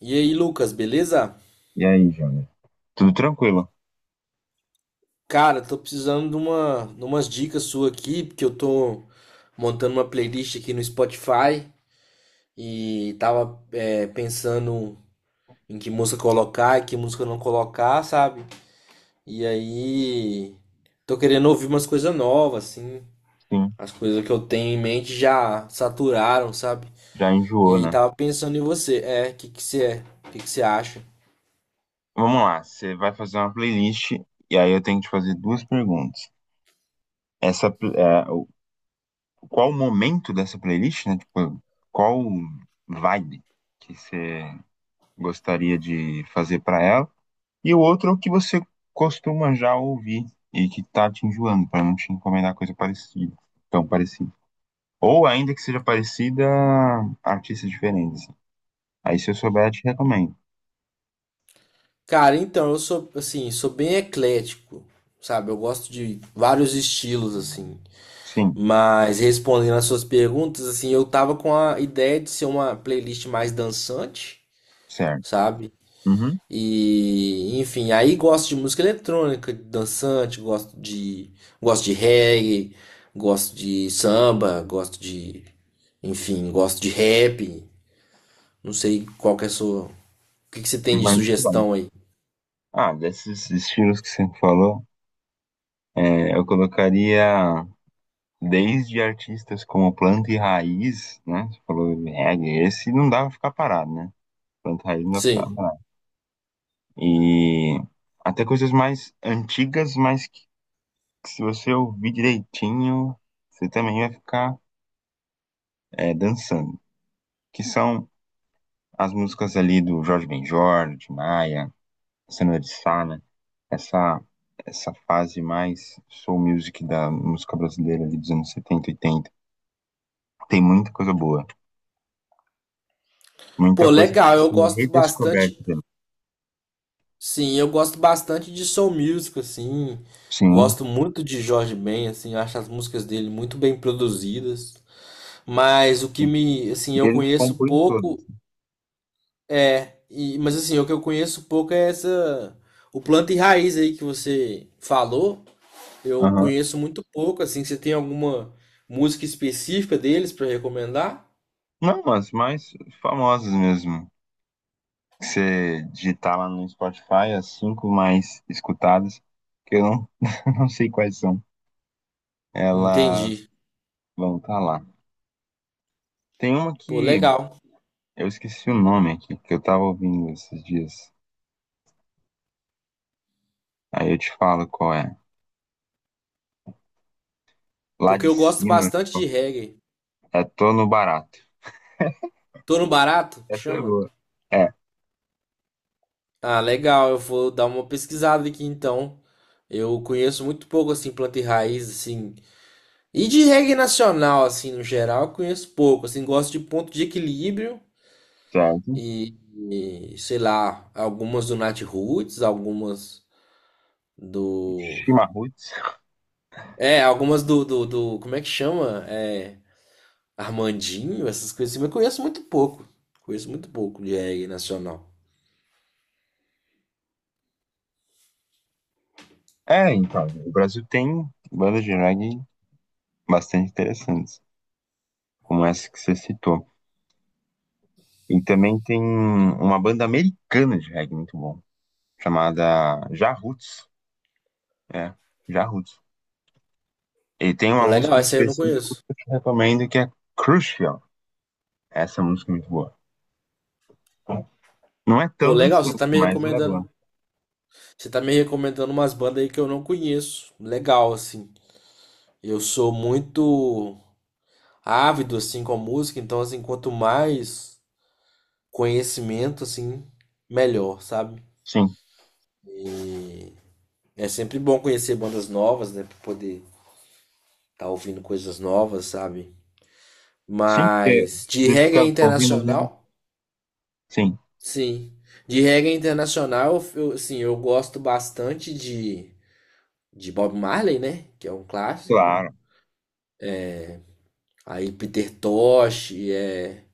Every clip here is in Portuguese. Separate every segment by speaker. Speaker 1: E aí, Lucas, beleza?
Speaker 2: E aí, Júnior? Tudo tranquilo?
Speaker 1: Cara, tô precisando de umas dicas suas aqui, porque eu tô montando uma playlist aqui no Spotify e tava pensando em que música colocar e que música não colocar, sabe? E aí, tô querendo ouvir umas coisas novas, assim.
Speaker 2: Sim,
Speaker 1: As coisas que eu tenho em mente já saturaram, sabe?
Speaker 2: já
Speaker 1: E
Speaker 2: enjoou,
Speaker 1: aí,
Speaker 2: né?
Speaker 1: tava pensando em você. É, o que que você é? O que que você acha?
Speaker 2: Vamos lá, você vai fazer uma playlist e aí eu tenho que te fazer duas perguntas. Essa, pl- é, o- Qual o momento dessa playlist, né? Tipo, qual vibe que você gostaria de fazer pra ela? E o outro é o que você costuma já ouvir e que tá te enjoando, pra não te encomendar coisa parecida, tão parecida. Ou ainda que seja parecida, artistas diferentes, assim. Aí se eu souber, eu te recomendo.
Speaker 1: Cara, então, eu sou, assim, sou bem eclético, sabe? Eu gosto de vários estilos, assim.
Speaker 2: Sim,
Speaker 1: Mas respondendo às suas perguntas, assim, eu tava com a ideia de ser uma playlist mais dançante,
Speaker 2: certo.
Speaker 1: sabe?
Speaker 2: Uhum,
Speaker 1: E, enfim, aí gosto de música eletrônica, dançante, gosto de reggae, gosto de samba, enfim, gosto de rap. Não sei qual que é a sua, o que que você tem de
Speaker 2: muito bem.
Speaker 1: sugestão aí?
Speaker 2: Ah, desses estilos que você falou, eu colocaria desde artistas como Planta e Raiz, né? Você falou reggae, esse não dá pra ficar parado, né? Planta e Raiz não dá pra ficar
Speaker 1: Sim.
Speaker 2: parado. E até coisas mais antigas, mas que se você ouvir direitinho, você também vai ficar dançando. Que são as músicas ali do Jorge Ben Jor, de Maia, Sandra de Sá, né? essa essa fase mais soul music da música brasileira ali dos anos 70, 80. Tem muita coisa boa, muita
Speaker 1: Pô,
Speaker 2: coisa que
Speaker 1: legal,
Speaker 2: tá
Speaker 1: eu
Speaker 2: sendo
Speaker 1: gosto
Speaker 2: redescoberta,
Speaker 1: bastante.
Speaker 2: né?
Speaker 1: Sim, eu gosto bastante de soul music, assim.
Speaker 2: Sim,
Speaker 1: Gosto muito de Jorge Ben, assim, eu acho as músicas dele muito bem produzidas. Mas o que me, assim, eu
Speaker 2: ele
Speaker 1: conheço
Speaker 2: compõe todas.
Speaker 1: pouco o que eu conheço pouco é essa o planta e raiz aí que você falou. Eu
Speaker 2: Aham.
Speaker 1: conheço muito pouco, assim, você tem alguma música específica deles pra recomendar?
Speaker 2: Não, as mais famosas mesmo. Você digitar lá no Spotify as cinco mais escutadas, que eu não, não sei quais são. Elas
Speaker 1: Entendi.
Speaker 2: vão estar lá. Tem uma
Speaker 1: Pô,
Speaker 2: que
Speaker 1: legal.
Speaker 2: eu esqueci o nome aqui, que eu tava ouvindo esses dias. Aí eu te falo qual é. Lá
Speaker 1: Porque
Speaker 2: de
Speaker 1: eu gosto
Speaker 2: cima,
Speaker 1: bastante de reggae.
Speaker 2: tô no barato.
Speaker 1: Torno Barato?
Speaker 2: Essa é
Speaker 1: Chama?
Speaker 2: boa. É,
Speaker 1: Ah, legal. Eu vou dar uma pesquisada aqui então. Eu conheço muito pouco assim planta e raiz assim. E de reggae nacional assim no geral, eu conheço pouco. Assim, gosto de ponto de equilíbrio
Speaker 2: certo.
Speaker 1: e, sei lá, algumas do Nat Roots, algumas do.
Speaker 2: Chimarruts.
Speaker 1: É, algumas do como é que chama? É Armandinho, essas coisas assim, mas eu conheço muito pouco. Conheço muito pouco de reggae nacional.
Speaker 2: Então, o Brasil tem bandas de reggae bastante interessantes, como essa que você citou. E também tem uma banda americana de reggae muito bom, chamada Jarruts. É, Jarruts. E tem
Speaker 1: Pô,
Speaker 2: uma música
Speaker 1: legal,
Speaker 2: em
Speaker 1: essa aí eu não
Speaker 2: específico
Speaker 1: conheço.
Speaker 2: que eu te recomendo que é Crucial. Essa música é muito boa. Não é
Speaker 1: Pô,
Speaker 2: tão
Speaker 1: legal, você
Speaker 2: dançante,
Speaker 1: tá me
Speaker 2: mas ela é
Speaker 1: recomendando.
Speaker 2: boa.
Speaker 1: Você tá me recomendando umas bandas aí que eu não conheço. Legal, assim. Eu sou muito ávido, assim, com a música, então, assim, quanto mais conhecimento, assim, melhor, sabe?
Speaker 2: Sim.
Speaker 1: E é sempre bom conhecer bandas novas, né? Pra poder estar tá ouvindo coisas novas, sabe?
Speaker 2: Sim, porque
Speaker 1: Mas de
Speaker 2: você
Speaker 1: reggae
Speaker 2: fica ouvindo os mesmos.
Speaker 1: internacional,
Speaker 2: Sim.
Speaker 1: sim. De reggae internacional, eu, sim, eu gosto bastante de Bob Marley, né? Que é um clássico.
Speaker 2: Claro.
Speaker 1: Aí Peter Tosh, é...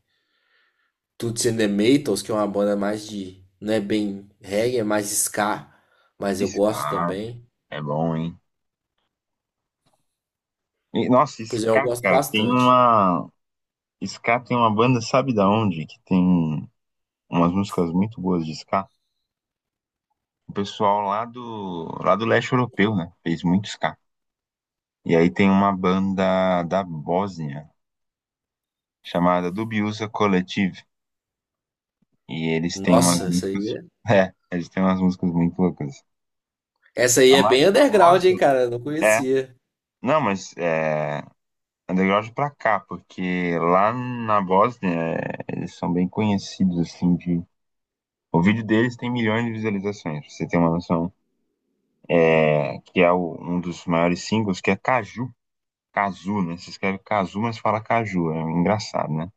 Speaker 1: Toots and the Maytals, que é uma banda mais de. Não é bem reggae, é mais ska, mas eu gosto
Speaker 2: Scar
Speaker 1: também.
Speaker 2: é bom, hein? E, nossa,
Speaker 1: Pois é, eu
Speaker 2: Scar,
Speaker 1: gosto
Speaker 2: cara, tem
Speaker 1: bastante.
Speaker 2: uma. Scar tem uma banda, sabe da onde? Que tem umas músicas muito boas de Scar. O pessoal lá do leste europeu, né? Fez muito Scar. E aí tem uma banda da Bósnia chamada Dubiosa Collective. E eles têm umas
Speaker 1: Nossa,
Speaker 2: músicas. É, eles têm umas músicas muito loucas.
Speaker 1: essa aí
Speaker 2: A
Speaker 1: é
Speaker 2: mais
Speaker 1: bem underground,
Speaker 2: famosa
Speaker 1: hein, cara? Eu não
Speaker 2: é.
Speaker 1: conhecia.
Speaker 2: Não, mas é. Underground pra cá, porque lá na Bósnia é, eles são bem conhecidos, assim, de... O vídeo deles tem milhões de visualizações, pra você ter uma noção. Um dos maiores singles, que é Caju. Cazu, né? Se escreve Cazu, mas fala Caju. É engraçado, né?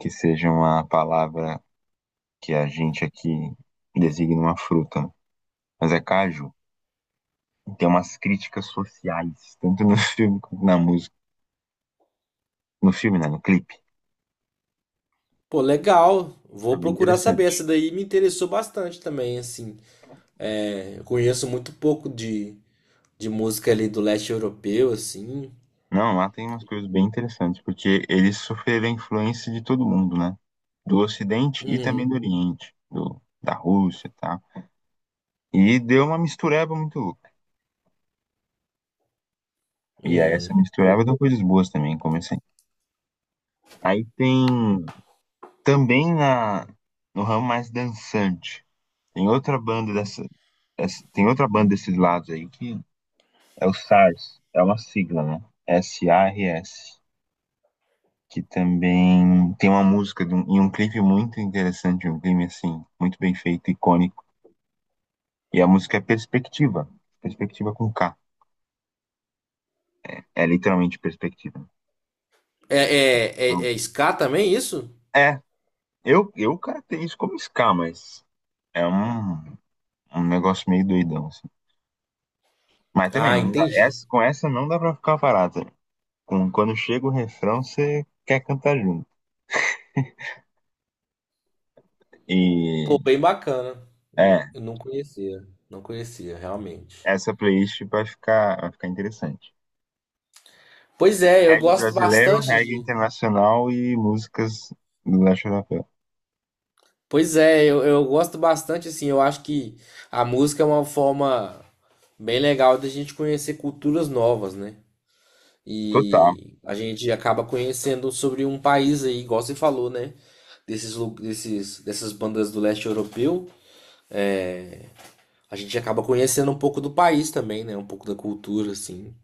Speaker 2: Que seja uma palavra que a gente aqui designa uma fruta, né? Mas é Caju. E tem umas críticas sociais, tanto no filme quanto na música. No filme, né? No clipe.
Speaker 1: Pô, legal.
Speaker 2: É
Speaker 1: Vou
Speaker 2: bem
Speaker 1: procurar saber.
Speaker 2: interessante.
Speaker 1: Essa daí me interessou bastante também, assim. É, eu conheço muito pouco de música ali do leste europeu, assim.
Speaker 2: Não, lá tem umas coisas bem interessantes, porque eles sofreram a influência de todo mundo, né? Do Ocidente e também
Speaker 1: Uhum,
Speaker 2: do Oriente, da Rússia, tá? E deu uma mistureba muito louca. E aí
Speaker 1: uhum.
Speaker 2: essa
Speaker 1: Pô,
Speaker 2: mistureba deu coisas boas também, como assim? Aí tem também na no ramo mais dançante, tem outra banda dessa, tem outra banda desses lados aí que é o SARS, é uma sigla, né? S-A-R-S, que também tem uma música e um clipe muito interessante, um clipe assim, muito bem feito, icônico. E a música é Perspectiva, Perspectiva com K. É literalmente Perspectiva. Então,
Speaker 1: é ska também isso?
Speaker 2: é, eu caracterizo isso como ska, mas é um negócio meio doidão, assim. Mas também,
Speaker 1: Ah,
Speaker 2: não dá,
Speaker 1: entendi.
Speaker 2: com essa não dá pra ficar parado. Quando chega o refrão, você quer cantar junto. E
Speaker 1: Pô, bem bacana.
Speaker 2: é,
Speaker 1: Eu não conhecia, não conhecia, realmente.
Speaker 2: essa playlist vai ficar interessante.
Speaker 1: Pois é, eu
Speaker 2: Reggae
Speaker 1: gosto
Speaker 2: brasileiro,
Speaker 1: bastante
Speaker 2: reggae
Speaker 1: de.
Speaker 2: internacional e músicas do Léo Xarapé.
Speaker 1: Pois é, eu gosto bastante, assim, eu acho que a música é uma forma bem legal da gente conhecer culturas novas, né?
Speaker 2: Total,
Speaker 1: E a gente acaba conhecendo sobre um país aí, igual você falou, né? Dessas bandas do leste europeu, a gente acaba conhecendo um pouco do país também, né? Um pouco da cultura, assim.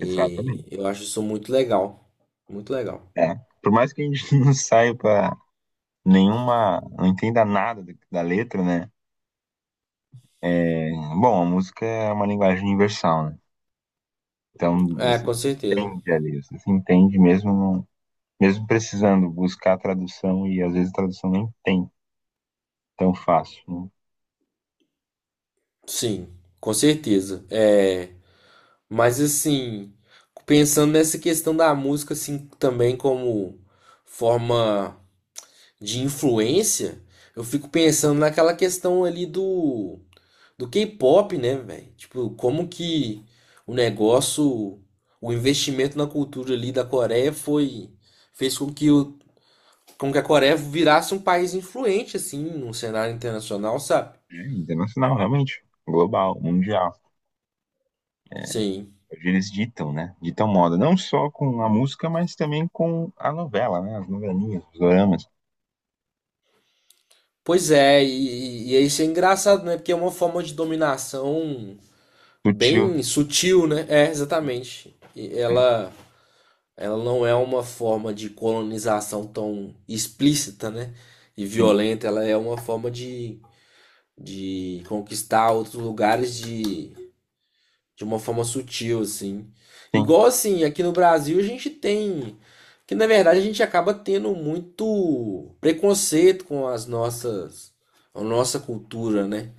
Speaker 2: exatamente.
Speaker 1: eu acho isso muito legal. Muito legal.
Speaker 2: É. Por mais que a gente não saia pra nenhuma, não entenda nada da letra, né? É, bom, a música é uma linguagem universal, né? Então
Speaker 1: É,
Speaker 2: você se
Speaker 1: com certeza.
Speaker 2: entende ali, você se entende mesmo, mesmo precisando buscar a tradução e às vezes a tradução nem tem tão fácil, né?
Speaker 1: Sim, com certeza. É, mas assim, pensando nessa questão da música assim também como forma de influência, eu fico pensando naquela questão ali do K-pop, né, velho? Tipo, como que o negócio, o investimento na cultura ali da Coreia foi fez com que o com que a Coreia virasse um país influente assim no cenário internacional, sabe?
Speaker 2: É internacional, realmente. Global, mundial.
Speaker 1: Sim.
Speaker 2: Eles ditam, né? Ditam moda, não só com a música, mas também com a novela, né? As novelinhas, os doramas,
Speaker 1: Pois é, e é isso é engraçado, né? Porque é uma forma de dominação
Speaker 2: sutil,
Speaker 1: bem sutil, né? É, exatamente. E
Speaker 2: né?
Speaker 1: ela não é uma forma de colonização tão explícita, né? E
Speaker 2: Sim,
Speaker 1: violenta, ela é uma forma de conquistar outros lugares de uma forma sutil, assim.
Speaker 2: sim.
Speaker 1: Igual assim, aqui no Brasil a gente tem. Que na verdade a gente acaba tendo muito preconceito com as nossas. A nossa cultura, né?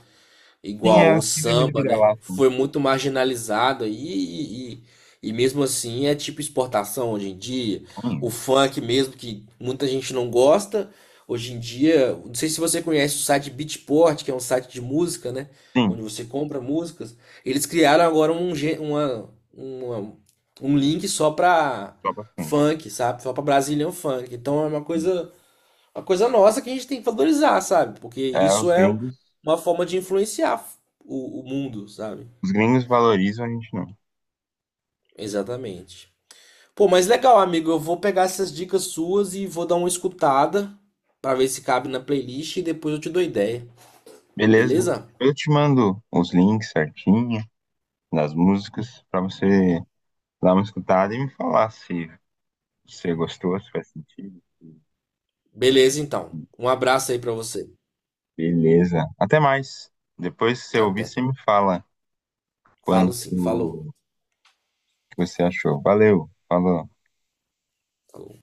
Speaker 2: Sim, é
Speaker 1: Igual
Speaker 2: a
Speaker 1: o
Speaker 2: síndrome do
Speaker 1: samba, né?
Speaker 2: vira-lata, né?
Speaker 1: Foi muito marginalizado e mesmo assim é tipo exportação hoje em dia. O
Speaker 2: Sim,
Speaker 1: funk mesmo, que muita gente não gosta, hoje em dia, não sei se você conhece o site Beatport, que é um site de música, né?
Speaker 2: sim,
Speaker 1: Onde você compra músicas. Eles criaram agora uma, um link só pra
Speaker 2: sopa funk.
Speaker 1: funk, sabe? Só pra Brazilian funk. Então é
Speaker 2: Sim.
Speaker 1: uma coisa nossa que a gente tem que valorizar, sabe? Porque
Speaker 2: É,
Speaker 1: isso é uma forma de influenciar o mundo, sabe?
Speaker 2: os gringos valorizam, a gente não.
Speaker 1: Exatamente. Pô, mas legal, amigo. Eu vou pegar essas dicas suas e vou dar uma escutada pra ver se cabe na playlist e depois eu te dou ideia,
Speaker 2: Beleza?
Speaker 1: beleza?
Speaker 2: Eu te mando os links certinho das músicas pra você dar uma escutada e me falar se você gostou, se faz sentido.
Speaker 1: Beleza, então. Um abraço aí pra você.
Speaker 2: Beleza. Até mais. Depois, se você ouvir,
Speaker 1: Até.
Speaker 2: você me fala
Speaker 1: Falo sim. Falou.
Speaker 2: quanto que você achou. Valeu, falou.
Speaker 1: Falou.